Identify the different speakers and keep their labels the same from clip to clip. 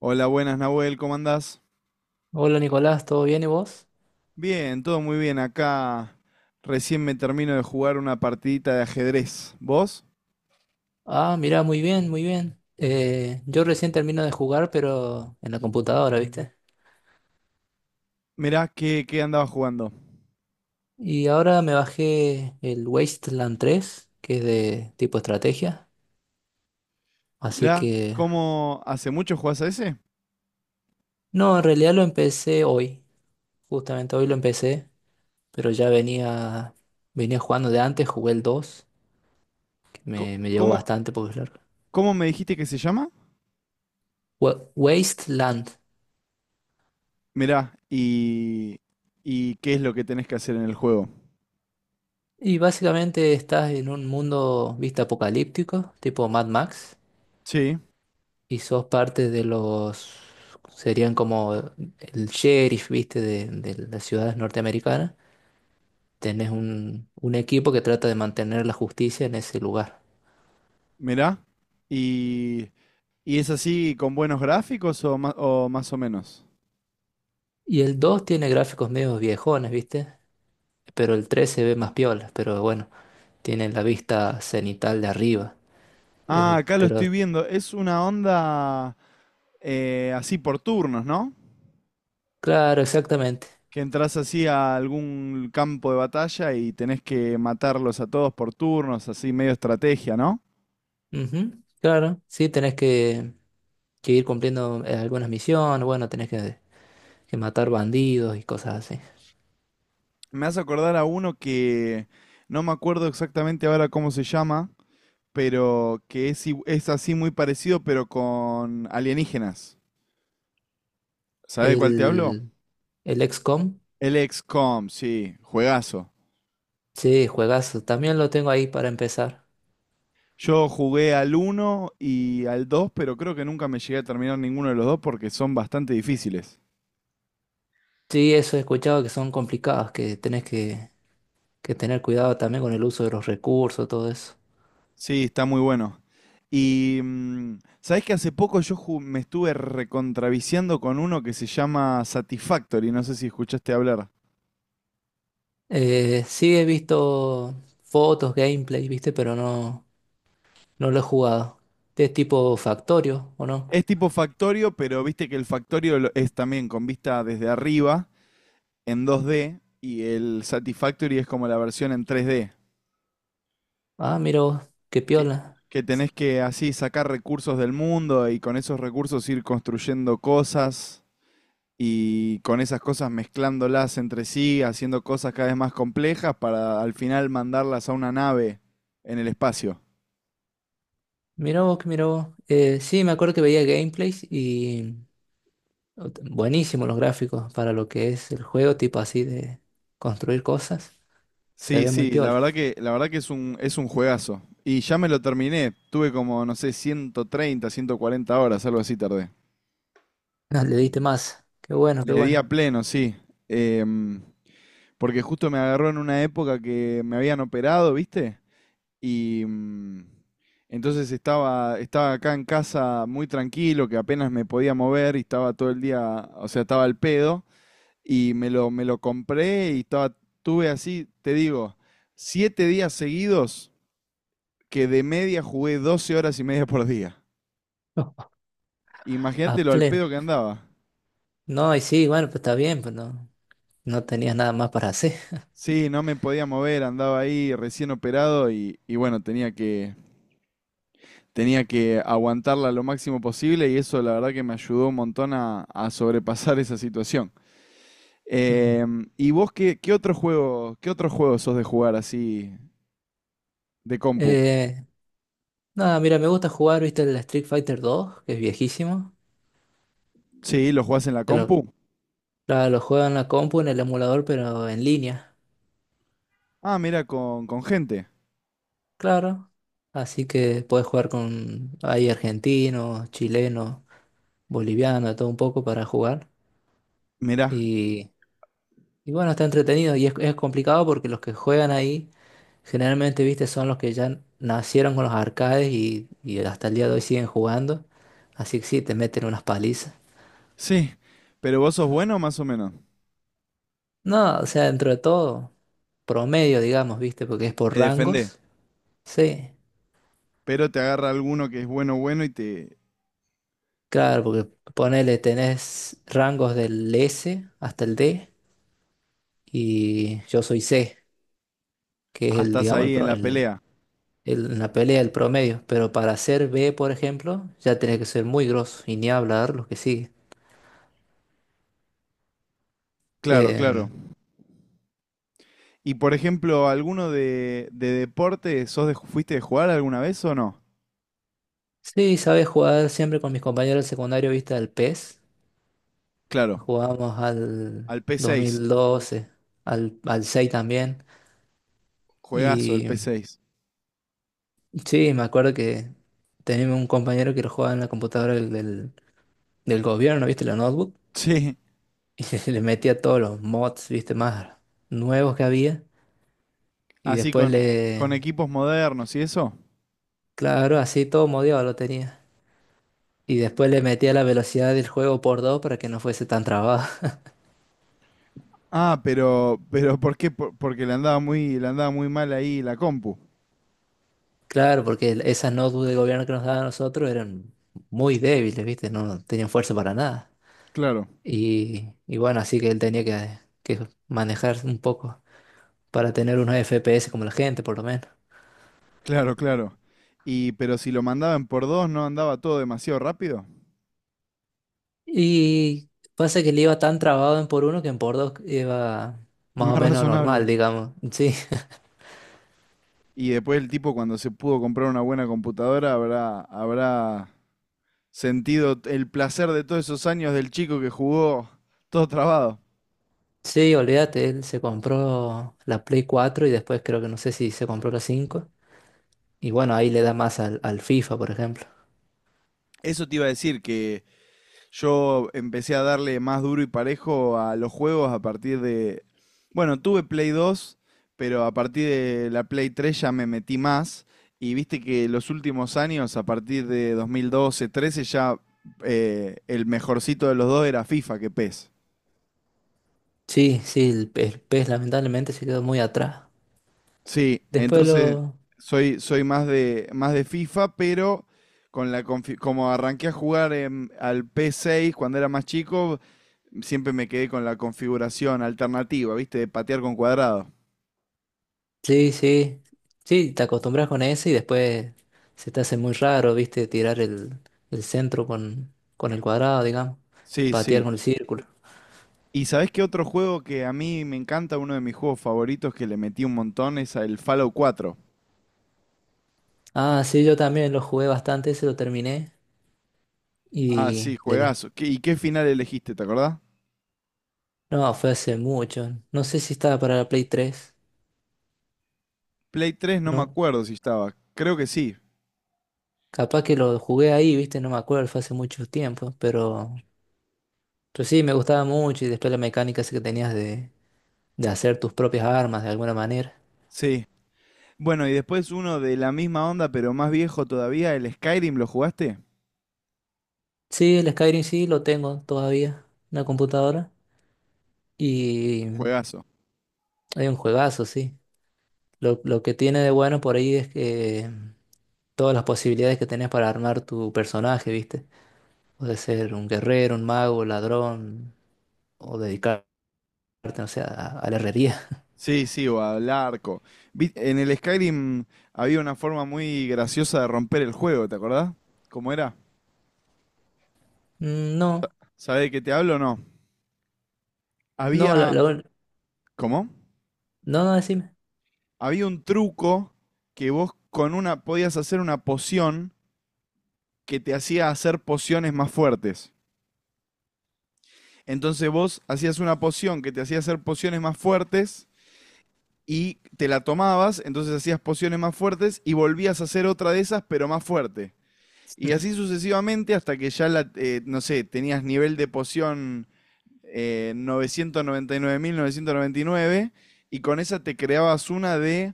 Speaker 1: Hola, buenas Nahuel, ¿cómo andás?
Speaker 2: Hola Nicolás, ¿todo bien y vos?
Speaker 1: Bien, todo muy bien. Acá recién me termino de jugar una partidita de ajedrez. ¿Vos?
Speaker 2: Ah, mira, muy bien, muy bien. Yo recién termino de jugar, pero en la computadora, ¿viste?
Speaker 1: Mirá, ¿qué andabas jugando?
Speaker 2: Y ahora me bajé el Wasteland tres, que es de tipo estrategia. Así
Speaker 1: Mirá,
Speaker 2: que...
Speaker 1: ¿cómo hace mucho jugás a ese?
Speaker 2: No, en realidad lo empecé hoy. Justamente hoy lo empecé, pero ya venía, venía jugando de antes, jugué el 2, que
Speaker 1: Co-
Speaker 2: me llevó
Speaker 1: ¿Cómo,
Speaker 2: bastante porque es largo.
Speaker 1: cómo me dijiste que se llama?
Speaker 2: Wasteland.
Speaker 1: Mirá, y qué es lo que tenés que hacer en el juego?
Speaker 2: Y básicamente estás en un mundo, viste, apocalíptico, tipo Mad Max.
Speaker 1: Sí,
Speaker 2: Y sos parte de los, serían como el sheriff, viste, de las ciudades norteamericanas. Tenés un equipo que trata de mantener la justicia en ese lugar.
Speaker 1: mirá. ¿Y, y es así con buenos gráficos o, o más o menos?
Speaker 2: Y el 2 tiene gráficos medio viejones, viste, pero el 3 se ve más piola, pero bueno, tiene la vista cenital de arriba.
Speaker 1: Ah,
Speaker 2: Eh,
Speaker 1: acá lo
Speaker 2: pero
Speaker 1: estoy viendo. Es una onda así por turnos, ¿no?
Speaker 2: claro, exactamente.
Speaker 1: Que entras así a algún campo de batalla y tenés que matarlos a todos por turnos, así medio estrategia, ¿no?
Speaker 2: Ujú, claro, sí, tenés que ir cumpliendo algunas misiones, bueno, tenés que matar bandidos y cosas así.
Speaker 1: Me hace acordar a uno que no me acuerdo exactamente ahora cómo se llama, pero que es así muy parecido, pero con alienígenas. ¿Sabés de cuál te hablo?
Speaker 2: El, el XCOM.
Speaker 1: El XCOM, sí, juegazo.
Speaker 2: Sí, juegazo. También lo tengo ahí para empezar.
Speaker 1: Yo jugué al uno y al 2, pero creo que nunca me llegué a terminar ninguno de los dos porque son bastante difíciles.
Speaker 2: Sí, eso he escuchado que son complicados, que tenés que tener cuidado también con el uso de los recursos, todo eso.
Speaker 1: Sí, está muy bueno. Y sabés que hace poco yo me estuve recontraviciando con uno que se llama Satisfactory, no sé si escuchaste hablar.
Speaker 2: Sí, he visto fotos, gameplay, viste, pero no, no lo he jugado. ¿Es tipo Factorio, o no?
Speaker 1: Es tipo Factorio, pero viste que el Factorio es también con vista desde arriba en 2D y el Satisfactory es como la versión en 3D.
Speaker 2: Ah, mira vos, qué
Speaker 1: que,
Speaker 2: piola.
Speaker 1: que tenés que así sacar recursos del mundo y con esos recursos ir construyendo cosas y con esas cosas mezclándolas entre sí, haciendo cosas cada vez más complejas para al final mandarlas a una nave en el espacio.
Speaker 2: Mira vos, que mira vos. Sí, me acuerdo que veía gameplays y buenísimos los gráficos para lo que es el juego, tipo así de construir cosas. Se
Speaker 1: Sí,
Speaker 2: ve muy
Speaker 1: sí,
Speaker 2: piola.
Speaker 1: la verdad que es un juegazo. Y ya me lo terminé, tuve como, no sé, 130 140 horas, algo así tardé.
Speaker 2: Ah, le diste más. Qué bueno, qué
Speaker 1: Le di a
Speaker 2: bueno.
Speaker 1: pleno, sí. Em, Porque justo me agarró en una época que me habían operado, ¿viste? Y entonces estaba acá en casa muy tranquilo, que apenas me podía mover y estaba todo el día, o sea, estaba al pedo. Y me lo compré y tuve así, te digo, 7 días seguidos que de media jugué 12 horas y media por día.
Speaker 2: A
Speaker 1: Imagínate lo al
Speaker 2: pleno.
Speaker 1: pedo que andaba.
Speaker 2: No, y sí, bueno, pues está bien, pues no, no tenías nada más para hacer.
Speaker 1: Sí, no me podía mover, andaba ahí recién operado y bueno, tenía que aguantarla lo máximo posible y eso la verdad que me ayudó un montón a sobrepasar esa situación.
Speaker 2: Ujú.
Speaker 1: ¿Y vos qué otro juego sos de jugar así de compu?
Speaker 2: Eh, nada, mira, me gusta jugar, viste, el Street Fighter 2, que es viejísimo.
Speaker 1: Sí, ¿lo jugás en la
Speaker 2: Que lo,
Speaker 1: compu?
Speaker 2: claro, lo juego en la compu, en el emulador, pero en línea,
Speaker 1: Ah, mira, con gente.
Speaker 2: claro. Así que puedes jugar con ahí argentinos, chilenos, bolivianos, de todo un poco para jugar.
Speaker 1: Mirá,
Speaker 2: Y, y bueno, está entretenido y es complicado porque los que juegan ahí generalmente, viste, son los que ya nacieron con los arcades y hasta el día de hoy siguen jugando. Así que sí, te meten unas palizas.
Speaker 1: sí. Pero vos sos bueno más o menos.
Speaker 2: No, o sea, dentro de todo, promedio, digamos, viste, porque es por
Speaker 1: Te defendés.
Speaker 2: rangos. Sí,
Speaker 1: Pero te agarra alguno que es bueno, bueno y te...
Speaker 2: claro, porque ponele, tenés rangos del S hasta el D y yo soy C, que es
Speaker 1: Ah,
Speaker 2: el,
Speaker 1: estás
Speaker 2: digamos,
Speaker 1: ahí en la pelea.
Speaker 2: el- en la pelea, el promedio. Pero para ser B, por ejemplo, ya tenés que ser muy grosso y ni hablar los que siguen.
Speaker 1: Claro, claro.
Speaker 2: Em,
Speaker 1: Y por ejemplo, ¿alguno de deporte fuiste de jugar alguna vez o no?
Speaker 2: Sí, sabes jugar siempre con mis compañeros del secundario, viste, al PES.
Speaker 1: Claro.
Speaker 2: Jugábamos al
Speaker 1: Al P6,
Speaker 2: 2012, al 6 también.
Speaker 1: juegazo el
Speaker 2: Y
Speaker 1: P6.
Speaker 2: sí, me acuerdo que teníamos un compañero que lo jugaba en la computadora del gobierno, viste, la notebook.
Speaker 1: Sí,
Speaker 2: Y le metía todos los mods, viste, más nuevos que había. Y
Speaker 1: así
Speaker 2: después
Speaker 1: con
Speaker 2: le...
Speaker 1: equipos modernos y eso.
Speaker 2: Claro, así todo modiado lo tenía. Y después le metía la velocidad del juego por dos para que no fuese tan trabado.
Speaker 1: Ah, pero ¿por qué? Porque le andaba muy mal ahí la compu.
Speaker 2: Claro, porque esas notebooks de gobierno que nos daban a nosotros eran muy débiles, ¿viste? No tenían fuerza para nada.
Speaker 1: Claro,
Speaker 2: Y bueno, así que él tenía que manejar un poco para tener unos FPS como la gente, por lo menos.
Speaker 1: claro, claro. Y, pero si lo mandaban por dos, ¿no andaba todo demasiado rápido?
Speaker 2: Y pasa que le iba tan trabado en por uno que en por dos iba más
Speaker 1: Más
Speaker 2: o menos normal,
Speaker 1: razonable.
Speaker 2: digamos. Sí,
Speaker 1: Y después el tipo cuando se pudo comprar una buena computadora habrá sentido el placer de todos esos años del chico que jugó todo trabado.
Speaker 2: sí, olvídate, él se compró la Play 4 y después creo que no sé si se compró la cinco. Y bueno, ahí le da más al, al FIFA, por ejemplo.
Speaker 1: Eso te iba a decir que yo empecé a darle más duro y parejo a los juegos a partir de... Bueno, tuve Play 2, pero a partir de la Play 3 ya me metí más. Y viste que los últimos años, a partir de 2012, 13, ya el mejorcito de los dos era FIFA que PES.
Speaker 2: Sí, sí, el pez lamentablemente se quedó muy atrás.
Speaker 1: Sí,
Speaker 2: Después
Speaker 1: entonces
Speaker 2: lo...
Speaker 1: soy más de FIFA, pero con la como arranqué a jugar al P6 cuando era más chico, siempre me quedé con la configuración alternativa, ¿viste? De patear con cuadrado.
Speaker 2: Sí, sí. Sí, te acostumbras con ese y después se te hace muy raro, viste, tirar el centro con el cuadrado, digamos.
Speaker 1: Sí,
Speaker 2: Patear
Speaker 1: sí.
Speaker 2: con el círculo.
Speaker 1: ¿Y sabés qué otro juego que a mí me encanta, uno de mis juegos favoritos que le metí un montón, es el Fallout 4?
Speaker 2: Ah, sí, yo también lo jugué bastante, ese lo terminé
Speaker 1: Ah,
Speaker 2: y
Speaker 1: sí,
Speaker 2: le de-
Speaker 1: juegazo. ¿Y qué final elegiste, te acordás?
Speaker 2: No, fue hace mucho. No sé si estaba para la Play 3,
Speaker 1: Play 3 no me
Speaker 2: ¿no?
Speaker 1: acuerdo si estaba. Creo que sí.
Speaker 2: Capaz que lo jugué ahí, viste, no me acuerdo, fue hace mucho tiempo, pero... Pero sí, me gustaba mucho y después la mecánica esa que tenías de hacer tus propias armas de alguna manera.
Speaker 1: Sí. Bueno, y después uno de la misma onda, pero más viejo todavía, el Skyrim, ¿lo jugaste?
Speaker 2: Sí, el Skyrim sí lo tengo todavía en la computadora y
Speaker 1: Juegazo.
Speaker 2: hay un juegazo, sí. Lo que tiene de bueno por ahí es que todas las posibilidades que tenés para armar tu personaje, ¿viste? Puede ser un guerrero, un mago, ladrón o dedicarte, no sé, a la herrería.
Speaker 1: Sí, sí, o al arco. En el Skyrim había una forma muy graciosa de romper el juego, ¿te acordás? ¿Cómo era?
Speaker 2: Mm, no,
Speaker 1: ¿Sabés de qué te hablo o no?
Speaker 2: no, la-
Speaker 1: Había...
Speaker 2: la-
Speaker 1: ¿Cómo?
Speaker 2: no, decime.
Speaker 1: Había un truco que vos con una podías hacer una poción que te hacía hacer pociones más fuertes. Entonces vos hacías una poción que te hacía hacer pociones más fuertes y te la tomabas, entonces hacías pociones más fuertes y volvías a hacer otra de esas pero más fuerte. Y así sucesivamente hasta que ya, no sé, tenías nivel de poción 999.999 y 9.999 y con esa te creabas una de,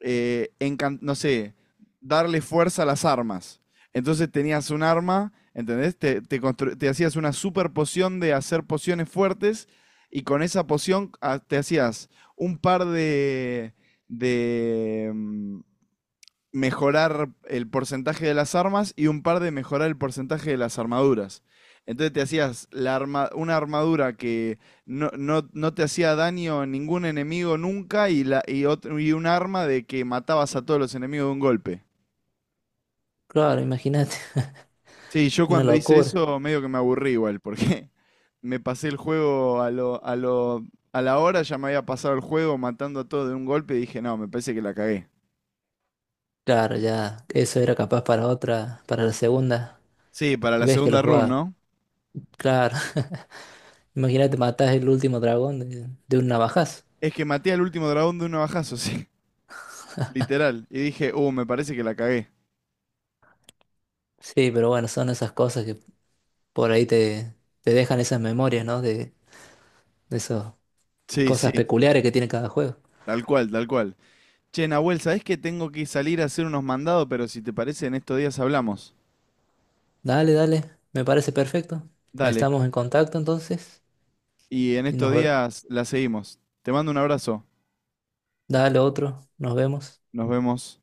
Speaker 1: no sé, darle fuerza a las armas. Entonces tenías un arma, ¿entendés? Te te hacías una super poción de hacer pociones fuertes y con esa poción te hacías un par de mejorar el porcentaje de las armas y un par de mejorar el porcentaje de las armaduras. Entonces te hacías la una armadura que no te hacía daño a ningún enemigo nunca y, y un arma de que matabas a todos los enemigos de un golpe.
Speaker 2: Claro, imagínate,
Speaker 1: Sí, yo
Speaker 2: una
Speaker 1: cuando hice
Speaker 2: locura.
Speaker 1: eso medio que me aburrí igual, porque me pasé el juego a lo, a la hora, ya me había pasado el juego matando a todos de un golpe y dije, no, me parece que la cagué.
Speaker 2: Claro, ya eso era capaz para otra, para la segunda
Speaker 1: Sí, para la
Speaker 2: vez que lo
Speaker 1: segunda run,
Speaker 2: jugaba.
Speaker 1: ¿no?
Speaker 2: Claro. Imagínate, matás el último dragón de un navajazo.
Speaker 1: Es que maté al último dragón de un bajazo, sí. Literal. Y dije, me parece que la cagué.
Speaker 2: Sí, pero bueno, son esas cosas que por ahí te dejan esas memorias, ¿no? De esas
Speaker 1: Sí,
Speaker 2: cosas
Speaker 1: sí,
Speaker 2: peculiares que tiene cada juego.
Speaker 1: tal cual, tal cual. Che, Nahuel, ¿sabés que tengo que salir a hacer unos mandados? Pero si te parece, en estos días hablamos.
Speaker 2: Dale, dale, me parece perfecto.
Speaker 1: Dale.
Speaker 2: Estamos en contacto entonces.
Speaker 1: Y en
Speaker 2: Y
Speaker 1: estos
Speaker 2: nos, ve-
Speaker 1: días la seguimos. Te mando un abrazo.
Speaker 2: dale otro, nos vemos.
Speaker 1: Nos vemos.